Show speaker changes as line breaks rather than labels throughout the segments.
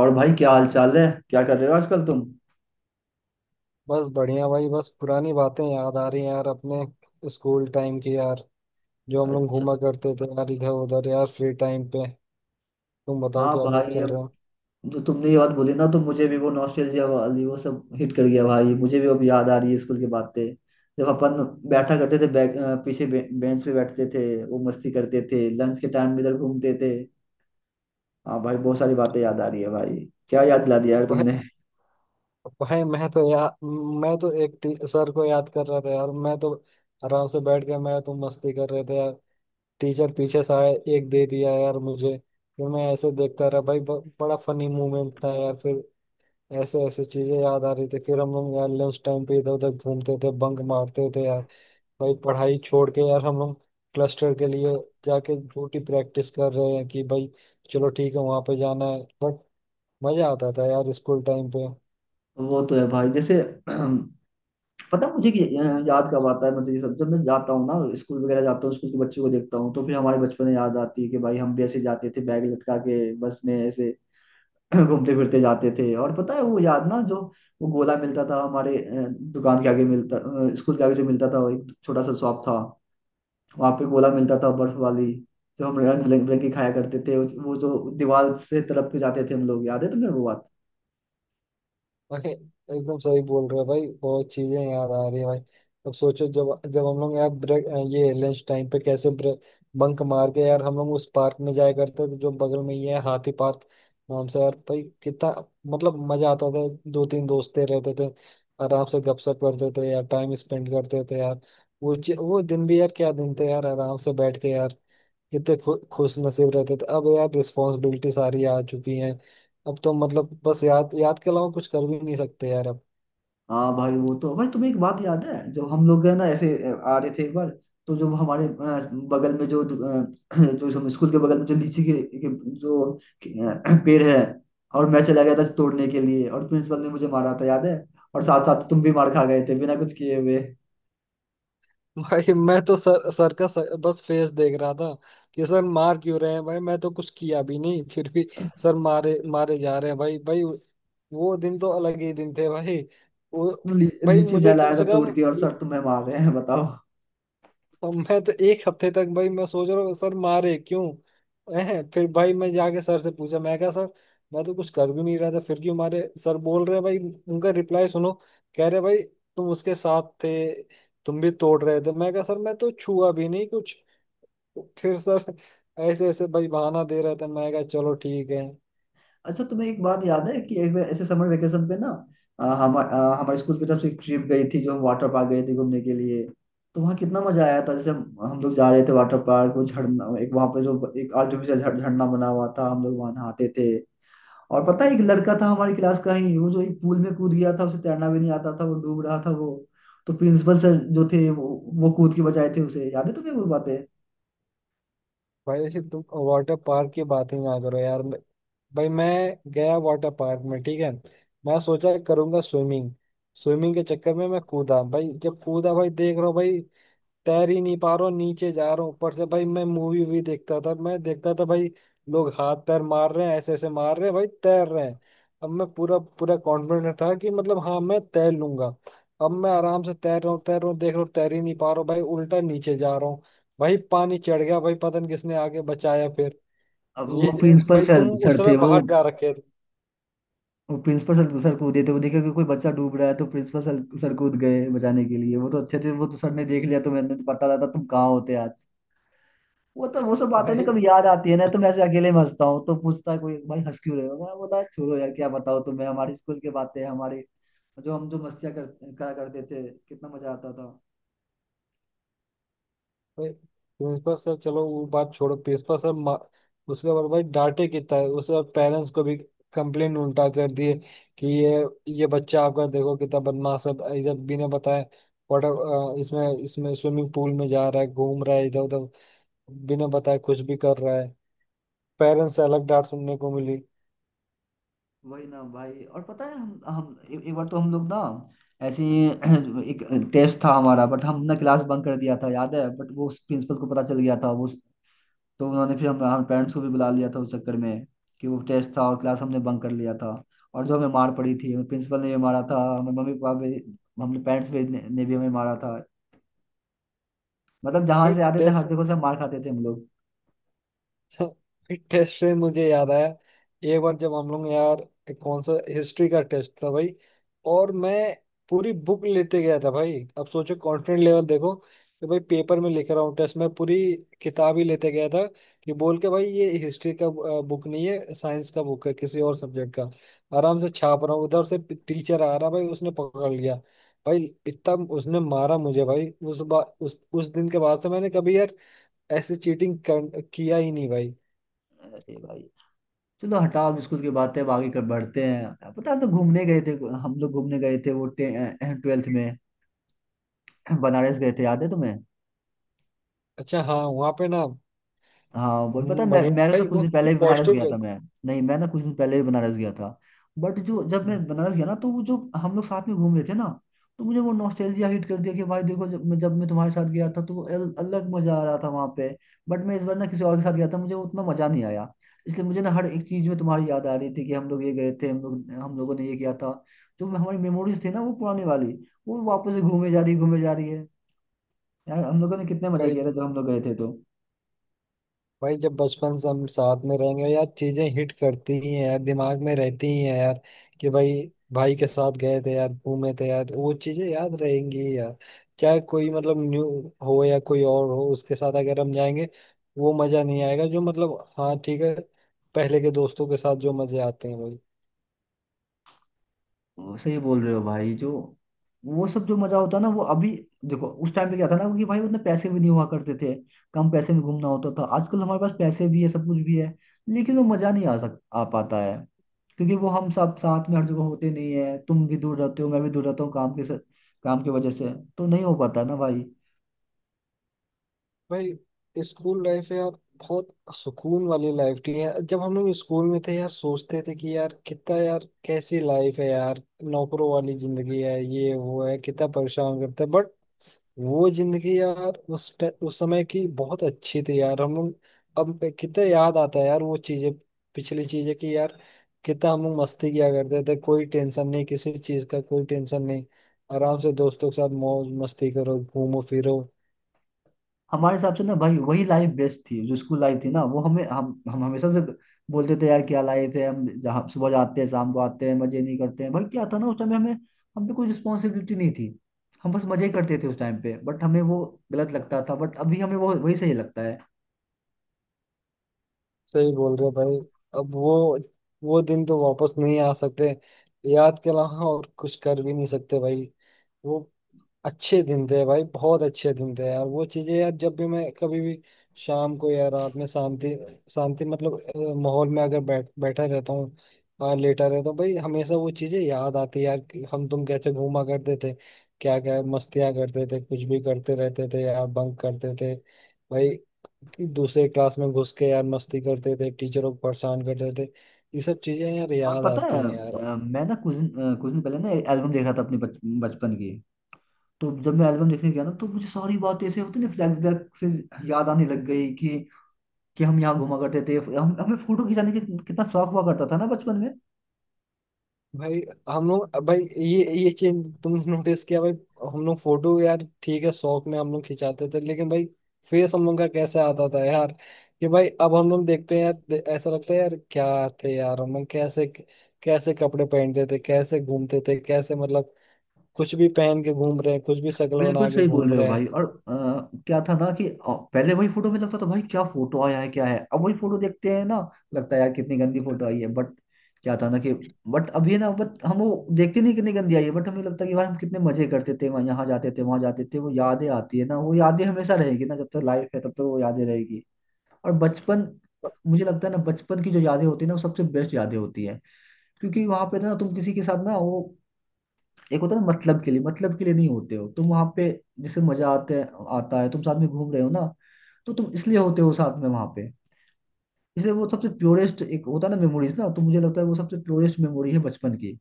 और भाई, क्या हाल चाल है? क्या कर रहे हो आजकल तुम?
बस बढ़िया भाई। बस पुरानी बातें याद आ रही हैं यार, अपने स्कूल टाइम की यार। जो हम लोग
अच्छा।
घूमा करते थे यार, इधर उधर यार, फ्री टाइम पे। तुम बताओ,
हाँ
क्या क्या
भाई,
चल रहा
अब
है?
जो तुमने ये बात बोली ना, तो मुझे भी वो नॉस्टैल्जिया वाली वो सब हिट कर गया भाई। मुझे भी अब याद आ रही है स्कूल की बातें। जब अपन बैठा करते थे पीछे बेंच पे बैठते थे, वो मस्ती करते थे, लंच के टाइम इधर घूमते थे। हाँ भाई, बहुत सारी बातें याद आ रही है भाई। क्या याद दिला दिया यार
भाई
तुमने।
भाई मैं तो एक सर को याद कर रहा था यार। मैं तो आराम से बैठ के, मैं तुम मस्ती कर रहे थे यार। टीचर पीछे से आए, एक दे दिया यार मुझे। फिर मैं ऐसे देखता रहा भाई। बड़ा फनी मोमेंट था यार। फिर ऐसे ऐसे चीजें याद आ रही थी। फिर हम लोग यार लंच टाइम पे इधर उधर घूमते थे, बंक मारते थे यार। भाई पढ़ाई छोड़ के यार, हम क्लस्टर के लिए जाके झूठी प्रैक्टिस कर रहे हैं कि भाई चलो ठीक है, वहां पे जाना है। बट मजा आता था यार स्कूल टाइम पे।
वो तो है भाई, जैसे पता है मुझे कि याद कब आता है, मतलब ये सब जब मैं जाता हूँ ना, स्कूल वगैरह जाता हूँ, स्कूल के बच्चों को देखता हूँ, तो फिर हमारे बचपन में याद आती है कि भाई हम भी ऐसे जाते थे, बैग लटका के बस में ऐसे घूमते फिरते जाते थे। और पता है वो याद ना, जो वो गोला मिलता था हमारे दुकान के आगे मिलता स्कूल के आगे जो मिलता था, वो एक छोटा सा शॉप था। वहाँ पे गोला मिलता था बर्फ वाली, जो हम रंग बिरंगी खाया करते थे, वो जो दीवार से तरफ के जाते थे हम लोग, याद है तुम्हें वो बात?
भाई एकदम सही बोल रहे हो भाई, बहुत चीजें याद आ रही है भाई। अब सोचो, जब जब हम लोग यार ब्रेक, ये लंच टाइम पे कैसे ब्रेक, बंक मार के यार हम लोग उस पार्क में जाया करते थे जो बगल में ही है, हाथी पार्क नाम से यार। भाई कितना मतलब मजा आता था। दो तीन दोस्तें रहते थे, आराम से गपशप करते थे यार, टाइम स्पेंड करते थे यार। वो दिन भी यार, क्या दिन थे यार! आराम से बैठ के यार। कितने खुश नसीब रहते थे। अब यार रिस्पॉन्सिबिलिटी सारी आ चुकी हैं। अब तो मतलब बस याद, याद के अलावा कुछ कर भी नहीं सकते यार अब।
हाँ भाई, वो तो भाई, तुम्हें एक बात याद है जब हम लोग है ना ऐसे आ रहे थे एक बार, तो जब हमारे बगल में जो जो हम स्कूल के बगल में, जो लीची के जो पेड़ है, और मैं चला गया था तोड़ने के लिए, और प्रिंसिपल ने मुझे मारा था, याद है? और साथ साथ तुम भी मार खा गए थे बिना कुछ किए हुए।
भाई मैं तो सर सर का सर, बस फेस देख रहा था कि सर मार क्यों रहे हैं भाई, मैं तो कुछ किया भी नहीं। फिर भी सर मारे मारे जा रहे हैं भाई। भाई वो दिन तो अलग ही दिन थे भाई। वो
तो
भाई
लीची मैं
मुझे कम
लाया था
से
तोड़
कम,
के, और सर तुम्हें मार रहे हैं, बताओ।
अब मैं तो एक हफ्ते तक भाई मैं सोच रहा हूँ, सर मारे क्यों हैं? फिर भाई मैं जाके सर से पूछा, मैं कहा सर मैं तो कुछ कर भी नहीं रहा था फिर क्यों मारे? सर बोल रहे हैं भाई, उनका रिप्लाई सुनो, कह रहे भाई तुम उसके साथ थे, तुम भी तोड़ रहे थे। मैं कहा सर, मैं तो छुआ भी नहीं कुछ। फिर सर ऐसे ऐसे भाई बहाना दे रहा था। मैं कहा चलो ठीक है।
अच्छा, तुम्हें एक बात याद है कि एक बार ऐसे समर वेकेशन पे ना, हमारे हमारे स्कूल की तरफ से एक ट्रिप गई थी, जो हम वाटर पार्क गए थे घूमने के लिए। तो वहाँ कितना मजा आया था। जैसे हम लोग जा रहे थे वाटर पार्क, वो झरना, एक वहाँ पे जो एक आर्टिफिशियल झरना बना हुआ था, हम लोग वहाँ नहाते थे। और पता है, एक लड़का था हमारी क्लास का ही, वो जो एक पूल में कूद गया था, उसे तैरना भी नहीं आता था, वो डूब रहा था वो। तो प्रिंसिपल सर जो थे वो कूद के बचाए थे उसे। याद है तुम्हें वो बातें?
भाई तुम वाटर पार्क की बात ही ना करो यार। भाई मैं गया वाटर पार्क में, ठीक है। मैं सोचा करूंगा स्विमिंग। स्विमिंग के चक्कर में मैं कूदा भाई। जब कूदा भाई देख रहा हूँ भाई तैर ही नहीं पा रहा हूँ, नीचे जा रहा हूँ। ऊपर से भाई मैं मूवी वूवी देखता था, मैं देखता था भाई लोग हाथ पैर मार रहे हैं, ऐसे ऐसे मार रहे हैं भाई, तैर रहे हैं। अब मैं पूरा पूरा कॉन्फिडेंट था कि मतलब हाँ, मैं तैर लूंगा। अब मैं आराम से तैर रहा हूँ, तैर रहा हूँ, देख रहा हूँ तैर ही नहीं पा रहा हूँ भाई, उल्टा नीचे जा रहा हूँ। भाई पानी चढ़ गया भाई, पता नहीं किसने आगे बचाया फिर।
अब वो
ये
प्रिंसिपल
भाई
सर
तुम उस
सर
समय
थे वो
बाहर जा रखे थे।
वो प्रिंसिपल सर सर कूदे थे। वो देखा कि कोई बच्चा डूब रहा है, तो प्रिंसिपल सर सर कूद गए बचाने के लिए। वो तो अच्छे थे, वो तो सर ने देख लिया, तो मैंने तो पता लगा, तुम कहाँ होते आज। वो तो वो सब बातें ना,
भाई
कभी याद आती है ना, तो मैं ऐसे अकेले में हंसता हूँ, तो पूछता है कोई भाई हंस क्यों रहे हो, मैं बोला छोड़ो यार, क्या बताओ तुम्हें हमारे स्कूल की बातें, हमारे जो हम जो मस्तियाँ कर करा करते थे, कितना मजा आता था।
भाई प्रिंसिपल सर, चलो वो बात छोड़ो। उसके बाद भाई डांटे कितना है। उसके बाद पेरेंट्स को भी कंप्लेन उल्टा कर दिए कि ये बच्चा आपका देखो कितना बदमाश है, ये जब बिना बताए वाटर इसमें इसमें स्विमिंग पूल में जा रहा है, घूम रहा है इधर उधर, बिना बताए कुछ भी कर रहा है। पेरेंट्स से अलग डांट सुनने को मिली।
वही ना भाई, और पता है हम एक बार तो हम लोग ना, ऐसे ही एक टेस्ट था हमारा, बट हमने क्लास बंक कर दिया था, याद है? बट वो प्रिंसिपल को पता चल गया था वो। तो उन्होंने फिर हम पेरेंट्स को भी बुला लिया था उस चक्कर में, कि वो टेस्ट था और क्लास हमने बंक कर लिया था, और जो हमें मार पड़ी थी, प्रिंसिपल ने भी मारा था हमें, मम्मी पापा भी, हमने पेरेंट्स भी ने भी हमें मारा था। मतलब जहाँ
भाई,
से आते थे, हर जगह से मार खाते थे हम लोग।
टेस्ट से मुझे याद आया। एक बार जब हम लोग यार, एक कौन सा हिस्ट्री का टेस्ट था भाई, और मैं पूरी बुक लेते गया था भाई। अब सोचो कॉन्फिडेंट लेवल देखो कि भाई पेपर में लिख रहा हूँ, टेस्ट में पूरी किताब ही लेते गया था, कि बोल के भाई ये हिस्ट्री का बुक नहीं है, साइंस का बुक है, किसी और सब्जेक्ट का। आराम से छाप रहा हूँ, उधर से टीचर आ रहा भाई, उसने पकड़ लिया भाई। इतना उसने मारा मुझे भाई। उस बा, उस दिन के बाद से मैंने कभी यार ऐसी चीटिंग किया ही नहीं भाई।
अरे भाई, चलो हटाओ, अब स्कूल की बात है, अब आगे कर बढ़ते हैं। पता है हम लोग घूमने गए थे, वो ट्वेल्थ में बनारस गए थे, याद है तुम्हें?
अच्छा हाँ, वहाँ पे ना।
हाँ वो, पता है
हम्म,
मैं
बढ़िया
मैं ना
भाई।
कुछ
वो
दिन पहले भी बनारस
पॉजिटिव।
गया था मैं। नहीं, मैं ना कुछ दिन पहले भी बनारस गया था। बट जो जब मैं बनारस गया ना, तो वो जो हम लोग साथ में घूम रहे थे ना, तो मुझे वो नॉस्टैल्जिया हिट कर दिया कि भाई देखो, जब मैं तुम्हारे साथ गया था, तो वो अलग मजा आ रहा था वहां पे। बट मैं इस बार ना किसी और के साथ गया था, मुझे उतना मजा नहीं आया। इसलिए मुझे ना हर एक चीज में तुम्हारी याद आ रही थी, कि हम लोग ये गए थे, हम लोग हम लोगों ने ये किया था, जो हमारी मेमोरीज थी ना वो पुरानी वाली, वो वापस से घूमे जा रही है। यार हम लोगों ने कितने मजा
भाई,
किया था जब हम लोग गए थे तो।
भाई जब बचपन से हम साथ में रहेंगे यार, चीजें हिट करती ही हैं यार, दिमाग में रहती ही हैं यार कि भाई, भाई के साथ गए थे यार, घूमे थे यार, वो चीजें याद रहेंगी ही यार। चाहे कोई मतलब न्यू हो या कोई और हो, उसके साथ अगर हम जाएंगे वो मजा नहीं आएगा, जो मतलब हाँ ठीक है, पहले के दोस्तों के साथ जो मजे आते हैं।
वो सही बोल रहे हो भाई, जो वो सब जो मजा होता है ना वो अभी, देखो उस टाइम पे क्या था ना कि भाई, उतने पैसे भी नहीं हुआ करते थे, कम पैसे में घूमना होता था। आजकल हमारे पास पैसे भी है, सब कुछ भी है, लेकिन वो मजा नहीं आ पाता है, क्योंकि वो हम सब साथ में हर जगह होते नहीं है। तुम भी दूर रहते हो, मैं भी दूर रहता हूँ, काम की वजह से तो नहीं हो पाता ना भाई।
भाई स्कूल लाइफ है यार, बहुत सुकून वाली लाइफ थी यार। जब हम लोग स्कूल में थे यार, सोचते थे कि यार कितना यार, कैसी लाइफ है यार, नौकरों वाली जिंदगी है, ये वो है, कितना परेशान करते हैं। बट वो जिंदगी यार, उस समय की बहुत अच्छी थी यार। हम लोग अब कितना याद आता है यार वो चीजें, पिछली चीजें, कि यार कितना हम लोग मस्ती किया करते थे, कोई टेंशन नहीं किसी चीज का, कोई टेंशन नहीं। आराम से दोस्तों के साथ मौज मस्ती करो, घूमो फिरो।
हमारे हिसाब से ना भाई, वही लाइफ बेस्ट थी जो स्कूल लाइफ थी ना, वो हमें हम हमेशा से बोलते थे, यार क्या लाइफ है, हम जहाँ सुबह जाते हैं शाम को आते हैं, मजे नहीं करते हैं भाई। क्या था ना उस टाइम हमें, हम पे कोई रिस्पॉन्सिबिलिटी नहीं थी, हम बस मजे ही करते थे उस टाइम पे, बट हमें वो गलत लगता था, बट अभी हमें वो वही सही लगता है।
सही बोल रहे हो भाई। अब वो दिन तो वापस नहीं आ सकते। याद के अलावा और कुछ कर भी नहीं सकते भाई। वो अच्छे दिन थे भाई, बहुत अच्छे दिन थे यार। वो चीजें यार, जब भी मैं कभी भी शाम को या रात में शांति, शांति मतलब माहौल में अगर बैठा रहता हूँ और लेटा रहता हूँ भाई, हमेशा वो चीजें याद आती है यार, कि हम तुम कैसे घूमा करते थे, क्या क्या मस्तियाँ करते थे, कुछ भी करते रहते थे यार, बंक करते थे भाई कि दूसरे क्लास में घुस के यार मस्ती करते थे, टीचरों को परेशान करते थे। ये सब चीजें यार
और
याद
पता है
आती हैं यार।
मैं ना कुछ दिन पहले ना एल्बम देख रहा था अपने बचपन की। तो जब मैं एल्बम देखने गया ना, तो मुझे सारी बातें ऐसे होती ना फ्लैशबैक से याद आने लग गई कि हम यहाँ घुमा करते थे, हम हमें फोटो खिंचाने की कितना शौक हुआ करता था ना बचपन में।
भाई हम लोग भाई, ये चीज तुमने नोटिस किया भाई? हम लोग फोटो यार, ठीक है शौक में हम लोग खिंचाते थे, लेकिन भाई फेस हम लोग का कैसे आता था यार, कि भाई अब हम लोग देखते हैं यार, ऐसा लगता है यार क्या थे यार हम लोग, कैसे कैसे कपड़े पहनते थे, कैसे घूमते थे, कैसे मतलब कुछ भी पहन के घूम रहे हैं, कुछ भी शक्ल बना
बिल्कुल
के
सही बोल
घूम
रहे हो
रहे हैं।
भाई, और क्या था ना कि पहले वही फोटो में लगता था भाई क्या फोटो आया है क्या है, अब वही फोटो देखते हैं ना, लगता है यार कितनी गंदी फोटो आई है। बट क्या था ना कि, बट अभी ना, बट हम वो देखते नहीं कितनी गंदी आई है, बट हमें लगता है कि यार हम कितने मजे करते थे, वहाँ यहाँ जाते थे, वहाँ जाते थे, वो यादें आती है ना, वो यादें हमेशा रहेगी ना, जब तक लाइफ है तब तक वो यादें रहेगी। और बचपन, मुझे लगता है ना बचपन की जो यादें होती है ना, वो सबसे बेस्ट यादें होती है, क्योंकि वहां पे ना तुम किसी के साथ ना वो, एक होता है ना मतलब के लिए, मतलब के लिए नहीं होते हो तुम वहां पे, जैसे मजा आते आता है, तुम साथ में घूम रहे हो ना, तो तुम इसलिए होते हो साथ में वहां पे, इसलिए वो सबसे प्योरेस्ट एक होता है ना मेमोरीज ना, तो मुझे लगता है वो सबसे प्योरेस्ट मेमोरी है बचपन की।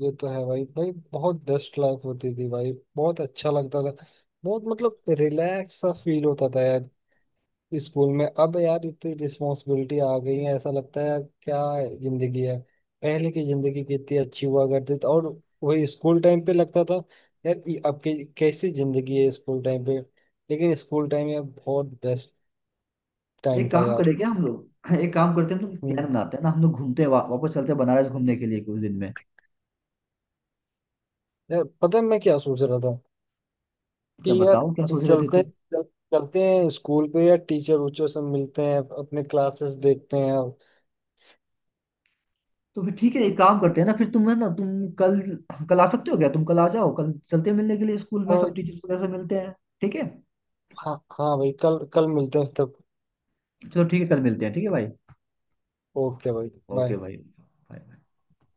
ये तो है भाई। भाई बहुत बेस्ट लाइफ होती थी भाई, बहुत अच्छा लगता था, बहुत मतलब रिलैक्स सा फील होता था यार स्कूल में। अब यार इतनी रिस्पॉन्सिबिलिटी आ गई है, ऐसा लगता है यार क्या जिंदगी है। पहले की जिंदगी कितनी अच्छी हुआ करती थी। और वही स्कूल टाइम पे लगता था यार ये अब की कैसी जिंदगी है स्कूल टाइम पे। लेकिन स्कूल टाइम यार बहुत बेस्ट
तो
टाइम
एक
था
काम
यार।
करें क्या हम लोग एक काम करते हैं, हम लोग
हम्म,
प्लान बनाते हैं ना, हम लोग घूमते हैं, वापस चलते हैं बनारस घूमने के लिए कुछ दिन में।
यार पता है मैं क्या सोच रहा था, कि
क्या
यार
बताओ क्या सोच रहे थे
चलते
तुम?
चल, चलते हैं स्कूल पे यार, टीचर उचर से मिलते हैं, अपने क्लासेस देखते हैं।
तो फिर ठीक है, एक काम करते हैं ना, फिर तुम है ना, तुम कल कल आ सकते हो क्या? तुम कल आ जाओ, कल चलते हैं मिलने के लिए स्कूल में, सब
और
टीचर्स वगैरह से मिलते हैं। ठीक है?
हाँ हाँ भाई, कल कल मिलते हैं तब।
चलो ठीक है, कल मिलते हैं ठीक है भाई।
ओके भाई,
ओके
बाय।
भाई, Bye.